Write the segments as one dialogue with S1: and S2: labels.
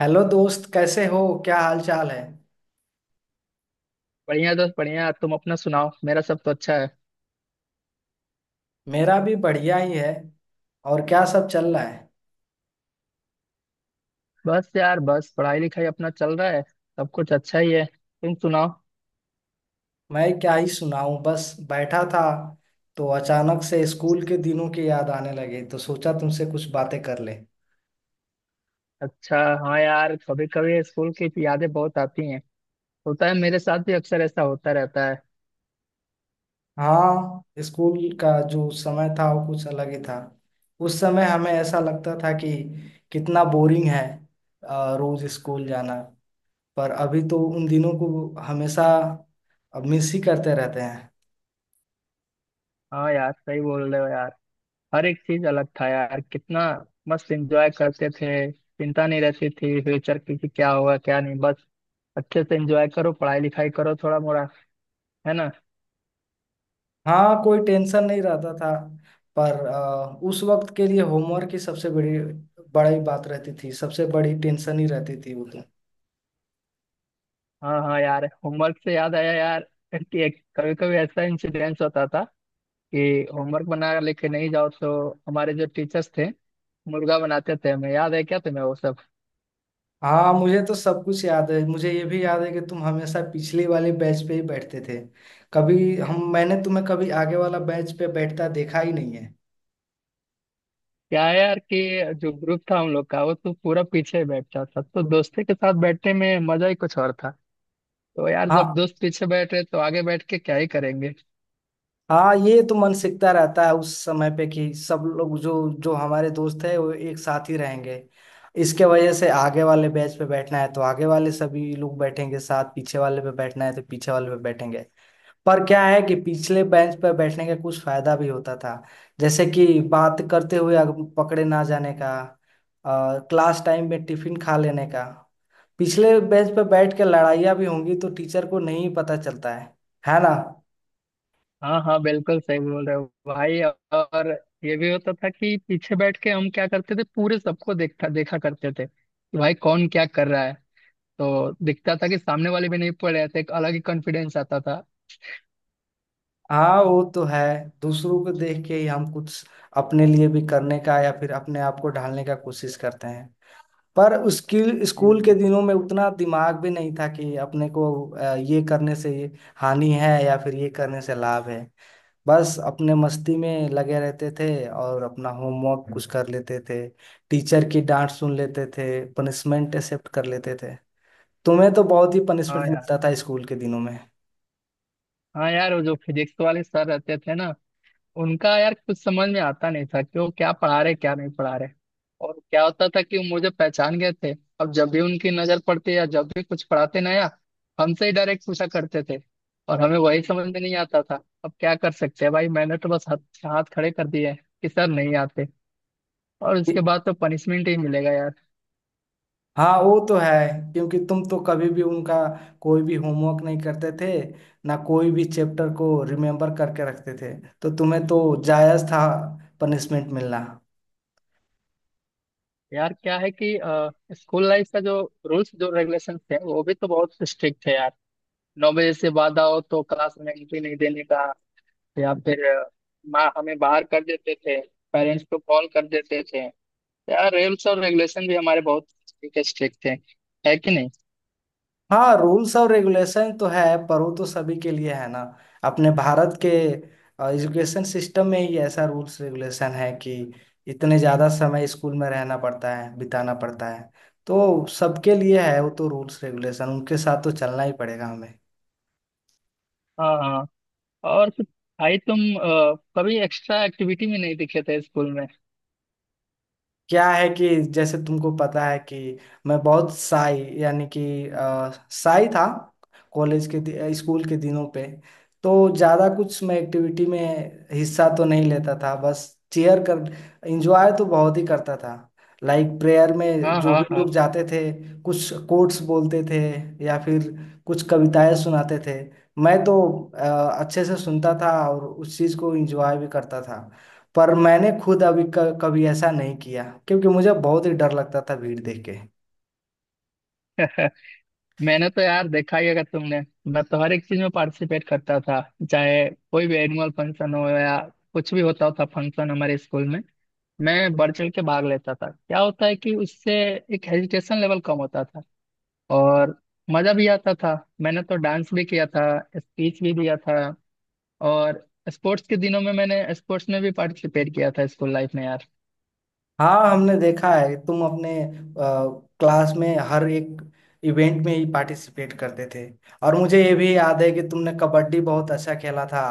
S1: Hello दोस्त, कैसे हो? क्या हाल चाल है?
S2: बढ़िया दोस्त बढ़िया। तुम अपना सुनाओ, मेरा सब तो अच्छा है।
S1: मेरा भी बढ़िया ही है। और क्या सब चल रहा है?
S2: बस यार बस पढ़ाई लिखाई अपना चल रहा है, सब कुछ अच्छा ही है। तुम सुनाओ।
S1: मैं क्या ही सुनाऊं, बस बैठा था तो अचानक से स्कूल के दिनों की याद आने लगे, तो सोचा तुमसे कुछ बातें कर ले।
S2: अच्छा। हाँ यार, कभी कभी स्कूल की यादें बहुत आती हैं। होता है, मेरे साथ भी अक्सर ऐसा होता रहता है।
S1: हाँ, स्कूल का जो समय था वो कुछ अलग ही था। उस समय हमें ऐसा लगता था कि कितना बोरिंग है रोज स्कूल जाना। पर अभी तो उन दिनों को हमेशा मिस ही करते रहते हैं।
S2: हाँ यार, सही बोल रहे हो यार। हर एक चीज अलग था यार, कितना मस्त एंजॉय करते थे। चिंता नहीं रहती थी फ्यूचर की कि क्या होगा क्या नहीं। बस अच्छे से एंजॉय करो, पढ़ाई लिखाई करो थोड़ा मोड़ा, है ना।
S1: हाँ, कोई टेंशन नहीं रहता था। पर उस वक्त के लिए होमवर्क की सबसे बड़ी बड़ी बात रहती थी, सबसे बड़ी टेंशन ही रहती थी वो तो।
S2: हाँ हाँ यार, होमवर्क से याद आया यार, कि एक कभी कभी ऐसा इंसिडेंस होता था कि होमवर्क बना लेके नहीं जाओ तो हमारे जो टीचर्स थे मुर्गा बनाते थे। हमें याद है, क्या तुम्हें वो सब।
S1: हाँ, मुझे तो सब कुछ याद है। मुझे ये भी याद है कि तुम हमेशा पिछली वाले बेंच पे ही बैठते थे। कभी हम मैंने तुम्हें कभी आगे वाला बेंच पे बैठता देखा ही नहीं है।
S2: क्या है यार कि जो ग्रुप था हम लोग का वो तो पूरा पीछे ही बैठता था, तो दोस्ती के साथ बैठने में मजा ही कुछ और था। तो यार जब
S1: हाँ,
S2: दोस्त पीछे बैठ रहे तो आगे बैठ के क्या ही करेंगे।
S1: हाँ, ये तो मन सीखता रहता है उस समय पे कि सब लोग, जो जो हमारे दोस्त है, वो एक साथ ही रहेंगे। इसके वजह से आगे वाले बैच पे बैठना है तो आगे वाले सभी लोग बैठेंगे साथ, पीछे वाले पे बैठना है तो पीछे वाले पे बैठेंगे। पर क्या है कि पिछले बेंच पे बैठने का कुछ फायदा भी होता था। जैसे कि बात करते हुए अगर पकड़े ना जाने का, क्लास टाइम में टिफिन खा लेने का, पिछले बेंच पे बैठ के लड़ाइयाँ भी होंगी तो टीचर को नहीं पता चलता है ना?
S2: हाँ हाँ, बिल्कुल सही बोल रहे हो भाई। और ये भी होता था कि पीछे बैठ के हम क्या करते थे, पूरे सबको देखता देखा करते थे कि भाई कौन क्या कर रहा है। तो दिखता था कि सामने वाले भी नहीं पढ़ रहे थे, एक अलग ही कॉन्फिडेंस आता था।
S1: हाँ, वो तो है। दूसरों को देख के ही हम कुछ अपने लिए भी करने का या फिर अपने आप को ढालने का कोशिश करते हैं। पर उसकी स्कूल के
S2: हम्म।
S1: दिनों में उतना दिमाग भी नहीं था कि अपने को ये करने से ये हानि है या फिर ये करने से लाभ है। बस अपने मस्ती में लगे रहते थे और अपना होमवर्क कुछ कर लेते थे, टीचर की डांट सुन लेते थे, पनिशमेंट एक्सेप्ट कर लेते थे। तुम्हें तो बहुत ही पनिशमेंट
S2: हाँ यार।
S1: मिलता था स्कूल के दिनों में।
S2: हाँ यार, वो जो फिजिक्स वाले सर रहते थे ना, उनका यार कुछ समझ में आता नहीं था कि वो क्या पढ़ा रहे क्या नहीं पढ़ा रहे। और क्या होता था कि वो मुझे पहचान गए थे। अब जब भी उनकी नजर पड़ती या जब भी कुछ पढ़ाते नया, हमसे ही डायरेक्ट पूछा करते थे। और हमें वही समझ में नहीं आता था, अब क्या कर सकते हैं भाई, मैंने तो बस हाथ हाथ खड़े कर दिए हैं कि सर नहीं आते। और उसके बाद तो पनिशमेंट ही मिलेगा यार।
S1: हाँ, वो तो है। क्योंकि तुम तो कभी भी उनका कोई भी होमवर्क नहीं करते थे, ना कोई भी चैप्टर को रिमेम्बर करके रखते थे। तो तुम्हें तो जायज था पनिशमेंट मिलना।
S2: यार क्या है कि स्कूल लाइफ का जो रूल्स जो रेगुलेशन थे वो भी तो बहुत स्ट्रिक्ट थे यार। 9 बजे से बाद आओ तो क्लास में एंट्री नहीं देने का, या फिर माँ हमें बाहर कर देते थे, पेरेंट्स को कॉल कर देते थे। यार रूल्स और रेगुलेशन भी हमारे बहुत स्ट्रिक्ट थे, है कि नहीं।
S1: हाँ, रूल्स और रेगुलेशन तो है, पर वो तो सभी के लिए है ना। अपने भारत के एजुकेशन सिस्टम में ही ऐसा रूल्स रेगुलेशन है कि इतने ज़्यादा समय स्कूल में रहना पड़ता है, बिताना पड़ता है। तो सबके लिए है वो तो, रूल्स रेगुलेशन उनके साथ तो चलना ही पड़ेगा हमें।
S2: हाँ हाँ। और फिर भाई तुम कभी एक्स्ट्रा एक्टिविटी में नहीं दिखे थे स्कूल में।
S1: क्या है कि जैसे तुमको पता है कि मैं बहुत साई, यानी कि साई था कॉलेज के स्कूल के दिनों पे। तो ज़्यादा कुछ मैं एक्टिविटी में हिस्सा तो नहीं लेता था, बस चेयर कर एंजॉय तो बहुत ही करता था। लाइक प्रेयर में
S2: हाँ
S1: जो
S2: हाँ
S1: भी
S2: हाँ।
S1: लोग जाते थे, कुछ कोट्स बोलते थे या फिर कुछ कविताएं सुनाते थे, मैं तो अ, अच्छे से सुनता था और उस चीज़ को एंजॉय भी करता था। पर मैंने खुद अभी कभी ऐसा नहीं किया, क्योंकि मुझे बहुत ही डर लगता था भीड़ देख के।
S2: मैंने तो यार देखा ही अगर तुमने। मैं तो हर एक चीज में पार्टिसिपेट करता था, चाहे कोई भी एनुअल फंक्शन हो या कुछ भी होता था फंक्शन हमारे स्कूल में, मैं बढ़ चढ़ के भाग लेता था। क्या होता है कि उससे एक हेजिटेशन लेवल कम होता था, और मजा भी आता था। मैंने तो डांस भी किया था, स्पीच भी दिया था, और स्पोर्ट्स के दिनों में मैंने स्पोर्ट्स में भी पार्टिसिपेट किया था स्कूल लाइफ में यार।
S1: हाँ, हमने देखा है तुम अपने क्लास में हर एक इवेंट में ही पार्टिसिपेट करते थे। और मुझे ये भी याद है कि तुमने कबड्डी बहुत अच्छा खेला था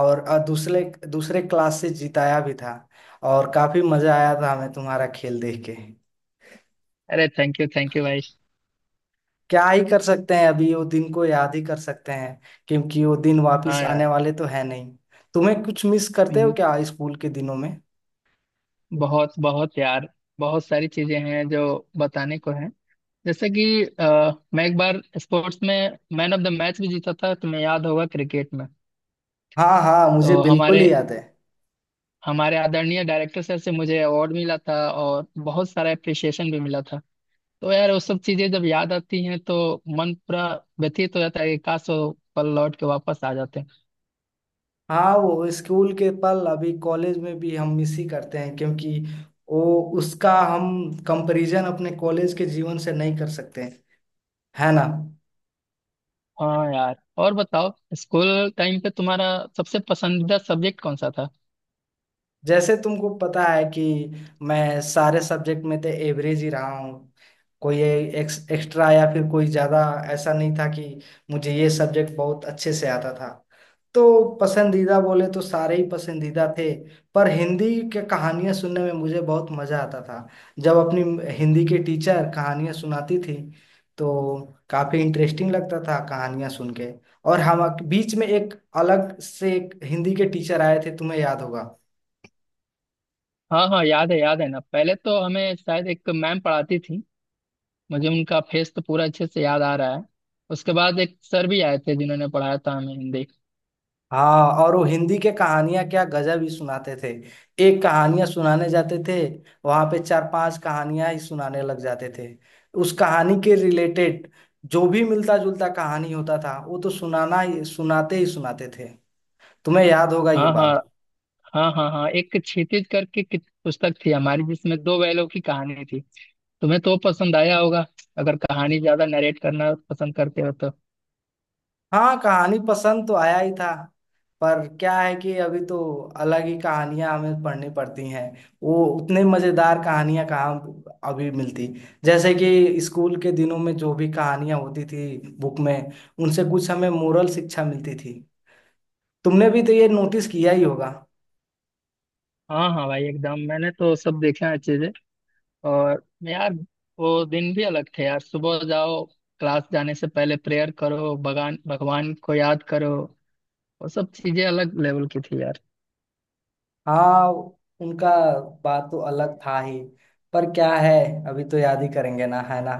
S1: और दूसरे दूसरे क्लास से जिताया भी था। और काफी मजा आया था हमें तुम्हारा खेल देख के।
S2: अरे थैंक यू भाई।
S1: क्या ही कर सकते हैं, अभी वो दिन को याद ही कर सकते हैं, क्योंकि वो दिन वापस
S2: हाँ
S1: आने
S2: यार।
S1: वाले तो है नहीं। तुम्हें कुछ मिस करते हो
S2: हम्म,
S1: क्या स्कूल के दिनों में?
S2: बहुत बहुत यार, बहुत सारी चीजें हैं जो बताने को हैं, जैसे कि मैं एक बार स्पोर्ट्स में मैन ऑफ द मैच भी जीता था, तुम्हें याद होगा क्रिकेट में।
S1: हाँ हाँ, मुझे
S2: तो
S1: बिल्कुल
S2: हमारे
S1: ही याद है।
S2: हमारे आदरणीय डायरेक्टर सर से मुझे अवार्ड मिला था और बहुत सारा अप्रिसिएशन भी मिला था। तो यार वो सब चीजें जब याद आती हैं तो मन पूरा व्यथित हो जाता है कि काश वो पल लौट के वापस आ जाते। हैं
S1: हाँ, वो स्कूल के पल अभी कॉलेज में भी हम मिस ही करते हैं, क्योंकि वो, उसका हम कंपैरिजन अपने कॉलेज के जीवन से नहीं कर सकते हैं, है ना?
S2: हाँ यार। और बताओ, स्कूल टाइम पे तुम्हारा सबसे पसंदीदा सब्जेक्ट कौन सा था।
S1: जैसे तुमको पता है कि मैं सारे सब्जेक्ट में तो एवरेज ही रहा हूँ। कोई एक्स्ट्रा या फिर कोई ज्यादा ऐसा नहीं था कि मुझे ये सब्जेक्ट बहुत अच्छे से आता था। तो पसंदीदा बोले तो सारे ही पसंदीदा थे। पर हिंदी के कहानियां सुनने में मुझे बहुत मजा आता था। जब अपनी हिंदी के टीचर कहानियां सुनाती थी, तो काफी इंटरेस्टिंग लगता था कहानियां सुन के। और हम बीच में एक, अलग से एक हिंदी के टीचर आए थे, तुम्हें याद होगा।
S2: हाँ हाँ, याद है, याद है ना, पहले तो हमें शायद एक मैम पढ़ाती थी, मुझे उनका फेस तो पूरा अच्छे से याद आ रहा है। उसके बाद एक सर भी आए थे जिन्होंने पढ़ाया था हमें हिंदी।
S1: हाँ, और वो हिंदी के कहानियां क्या गजब ही सुनाते थे। एक कहानियां सुनाने जाते थे, वहां पे चार पांच कहानियां ही सुनाने लग जाते थे। उस कहानी के रिलेटेड जो भी मिलता जुलता कहानी होता था वो तो सुनाना ही, सुनाते ही सुनाते थे। तुम्हें याद होगा ये
S2: हाँ हाँ
S1: बात।
S2: हाँ हाँ, हाँ एक क्षितिज करके पुस्तक थी हमारी जिसमें दो बैलों की कहानी थी। तुम्हें तो पसंद आया होगा अगर कहानी ज्यादा नरेट करना पसंद करते हो तो।
S1: हाँ, कहानी पसंद तो आया ही था। पर क्या है कि अभी तो अलग ही कहानियां हमें पढ़नी पड़ती हैं। वो उतने मजेदार कहानियां कहाँ अभी मिलती। जैसे कि स्कूल के दिनों में जो भी कहानियां होती थी बुक में, उनसे कुछ हमें मोरल शिक्षा मिलती थी। तुमने भी तो ये नोटिस किया ही होगा।
S2: हाँ हाँ भाई एकदम, मैंने तो सब देखे हैं अच्छे से। और यार वो दिन भी अलग थे यार, सुबह जाओ, क्लास जाने से पहले प्रेयर करो, भगवान भगवान को याद करो। वो सब चीजें अलग लेवल की थी यार।
S1: हाँ, उनका बात तो अलग था ही। पर क्या है, अभी तो याद ही करेंगे ना, है ना।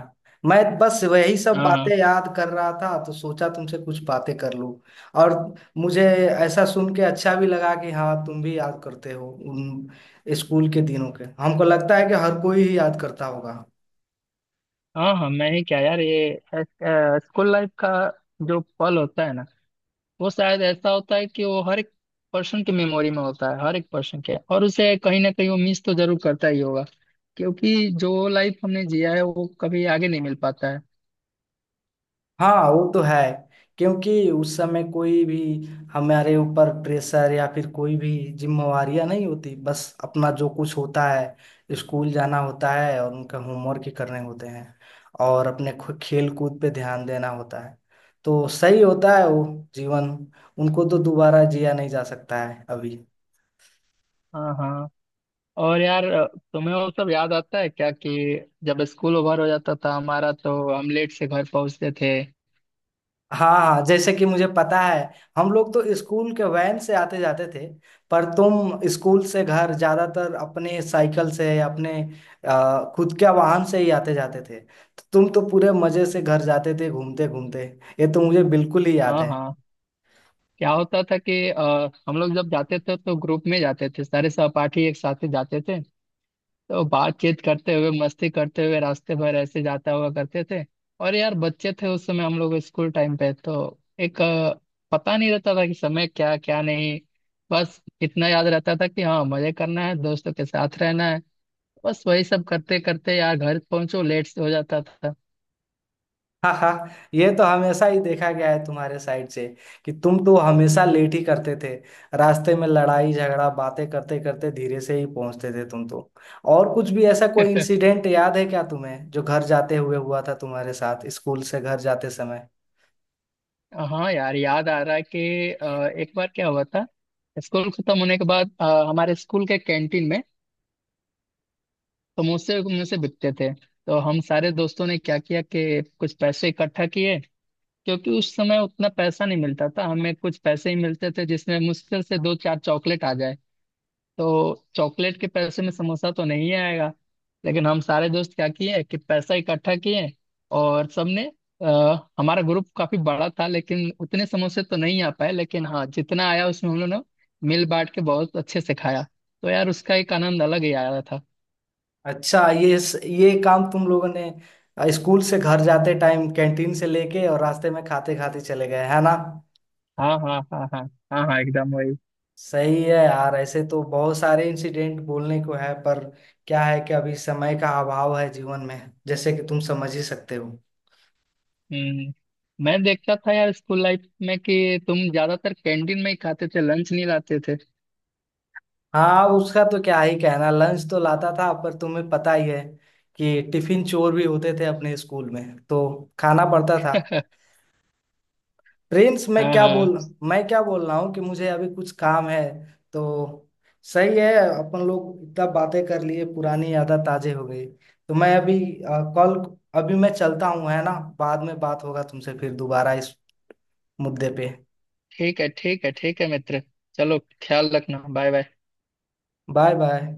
S1: मैं बस वही सब
S2: हाँ हाँ
S1: बातें याद कर रहा था, तो सोचा तुमसे कुछ बातें कर लूं। और मुझे ऐसा सुन के अच्छा भी लगा कि हाँ, तुम भी याद करते हो उन स्कूल के दिनों के। हमको लगता है कि हर कोई ही याद करता होगा।
S2: हाँ हाँ, मैं ही क्या यार, ये स्कूल लाइफ का जो पल होता है ना, वो शायद ऐसा होता है कि वो हर एक पर्सन के मेमोरी में होता है हर एक पर्सन के, और उसे कहीं ना कहीं वो मिस तो जरूर करता ही होगा। क्योंकि जो लाइफ हमने जिया है वो कभी आगे नहीं मिल पाता है।
S1: हाँ, वो तो है। क्योंकि उस समय कोई भी हमारे ऊपर प्रेशर या फिर कोई भी जिम्मेवारियां नहीं होती। बस अपना जो कुछ होता है स्कूल जाना होता है और उनका होमवर्क ही करने होते हैं, और अपने खेल कूद पे ध्यान देना होता है। तो सही होता है वो जीवन, उनको तो दोबारा जिया नहीं जा सकता है अभी।
S2: हाँ हाँ। और यार तुम्हें वो सब याद आता है क्या कि जब स्कूल ओवर हो जाता था हमारा तो हम लेट से घर पहुंचते थे।
S1: हाँ हाँ, जैसे कि मुझे पता है हम लोग तो स्कूल के वैन से आते जाते थे। पर तुम स्कूल से घर ज्यादातर अपने साइकिल से, अपने खुद के वाहन से ही आते जाते थे, तो तुम तो पूरे मजे से घर जाते थे घूमते घूमते। ये तो मुझे बिल्कुल ही याद
S2: हाँ
S1: है।
S2: हाँ। क्या होता था कि हम लोग जब जाते थे तो ग्रुप में जाते थे, सारे सहपाठी एक साथ ही जाते थे। तो बातचीत करते हुए मस्ती करते हुए रास्ते भर ऐसे जाता हुआ करते थे। और यार बच्चे थे उस समय हम लोग, स्कूल टाइम पे तो एक पता नहीं रहता था कि समय क्या क्या नहीं। बस इतना याद रहता था कि हाँ मजे करना है दोस्तों के साथ रहना है, बस वही सब करते करते यार घर पहुंचो लेट हो जाता था।
S1: हाँ हाँ, ये तो हमेशा ही देखा गया है तुम्हारे साइड से कि तुम तो हमेशा लेट ही करते थे। रास्ते में लड़ाई झगड़ा, बातें करते करते धीरे से ही पहुंचते थे तुम तो। और कुछ भी ऐसा कोई इंसिडेंट याद है क्या तुम्हें जो घर जाते हुए हुआ था तुम्हारे साथ, स्कूल से घर जाते समय?
S2: हाँ यार, याद आ रहा है कि एक बार क्या हुआ था। स्कूल खत्म होने के बाद हमारे स्कूल के कैंटीन में समोसे मुझसे बिकते थे। तो हम सारे दोस्तों ने क्या किया कि कुछ पैसे इकट्ठा किए, क्योंकि उस समय उतना पैसा नहीं मिलता था, हमें कुछ पैसे ही मिलते थे जिसमें मुश्किल से दो चार चॉकलेट आ जाए। तो चॉकलेट के पैसे में समोसा तो नहीं आएगा। लेकिन हम सारे दोस्त क्या किए कि पैसा इकट्ठा किए और सबने, हमारा ग्रुप काफी बड़ा था लेकिन उतने समोसे तो नहीं आ पाए, लेकिन हाँ जितना आया उसमें हम लोगों ने मिल बांट के बहुत अच्छे से खाया। तो यार उसका एक आनंद अलग ही आया था।
S1: अच्छा, ये काम तुम लोगों ने स्कूल से घर जाते टाइम कैंटीन से लेके और रास्ते में खाते खाते चले गए, है ना?
S2: हाँ हाँ हाँ हाँ, हाँ हाँ एकदम वही।
S1: सही है यार, ऐसे तो बहुत सारे इंसिडेंट बोलने को है, पर क्या है कि अभी समय का अभाव है जीवन में, जैसे कि तुम समझ ही सकते हो।
S2: हम्म। मैं देखता था यार स्कूल लाइफ में कि तुम ज्यादातर कैंटीन में ही खाते थे, लंच नहीं लाते थे।
S1: हाँ, उसका तो क्या ही कहना, लंच तो लाता था पर तुम्हें पता ही है कि टिफिन चोर भी होते थे अपने स्कूल में, तो खाना पड़ता था। प्रिंस
S2: हाँ हाँ।
S1: मैं क्या बोल रहा हूँ कि मुझे अभी कुछ काम है। तो सही है, अपन लोग इतना बातें कर लिए, पुरानी यादें ताजे हो गई। तो मैं अभी कॉल अभी मैं चलता हूँ, है ना। बाद में बात होगा तुमसे फिर दोबारा इस मुद्दे पे।
S2: ठीक है ठीक है ठीक है मित्र, चलो ख्याल रखना, बाय बाय।
S1: Bye bye.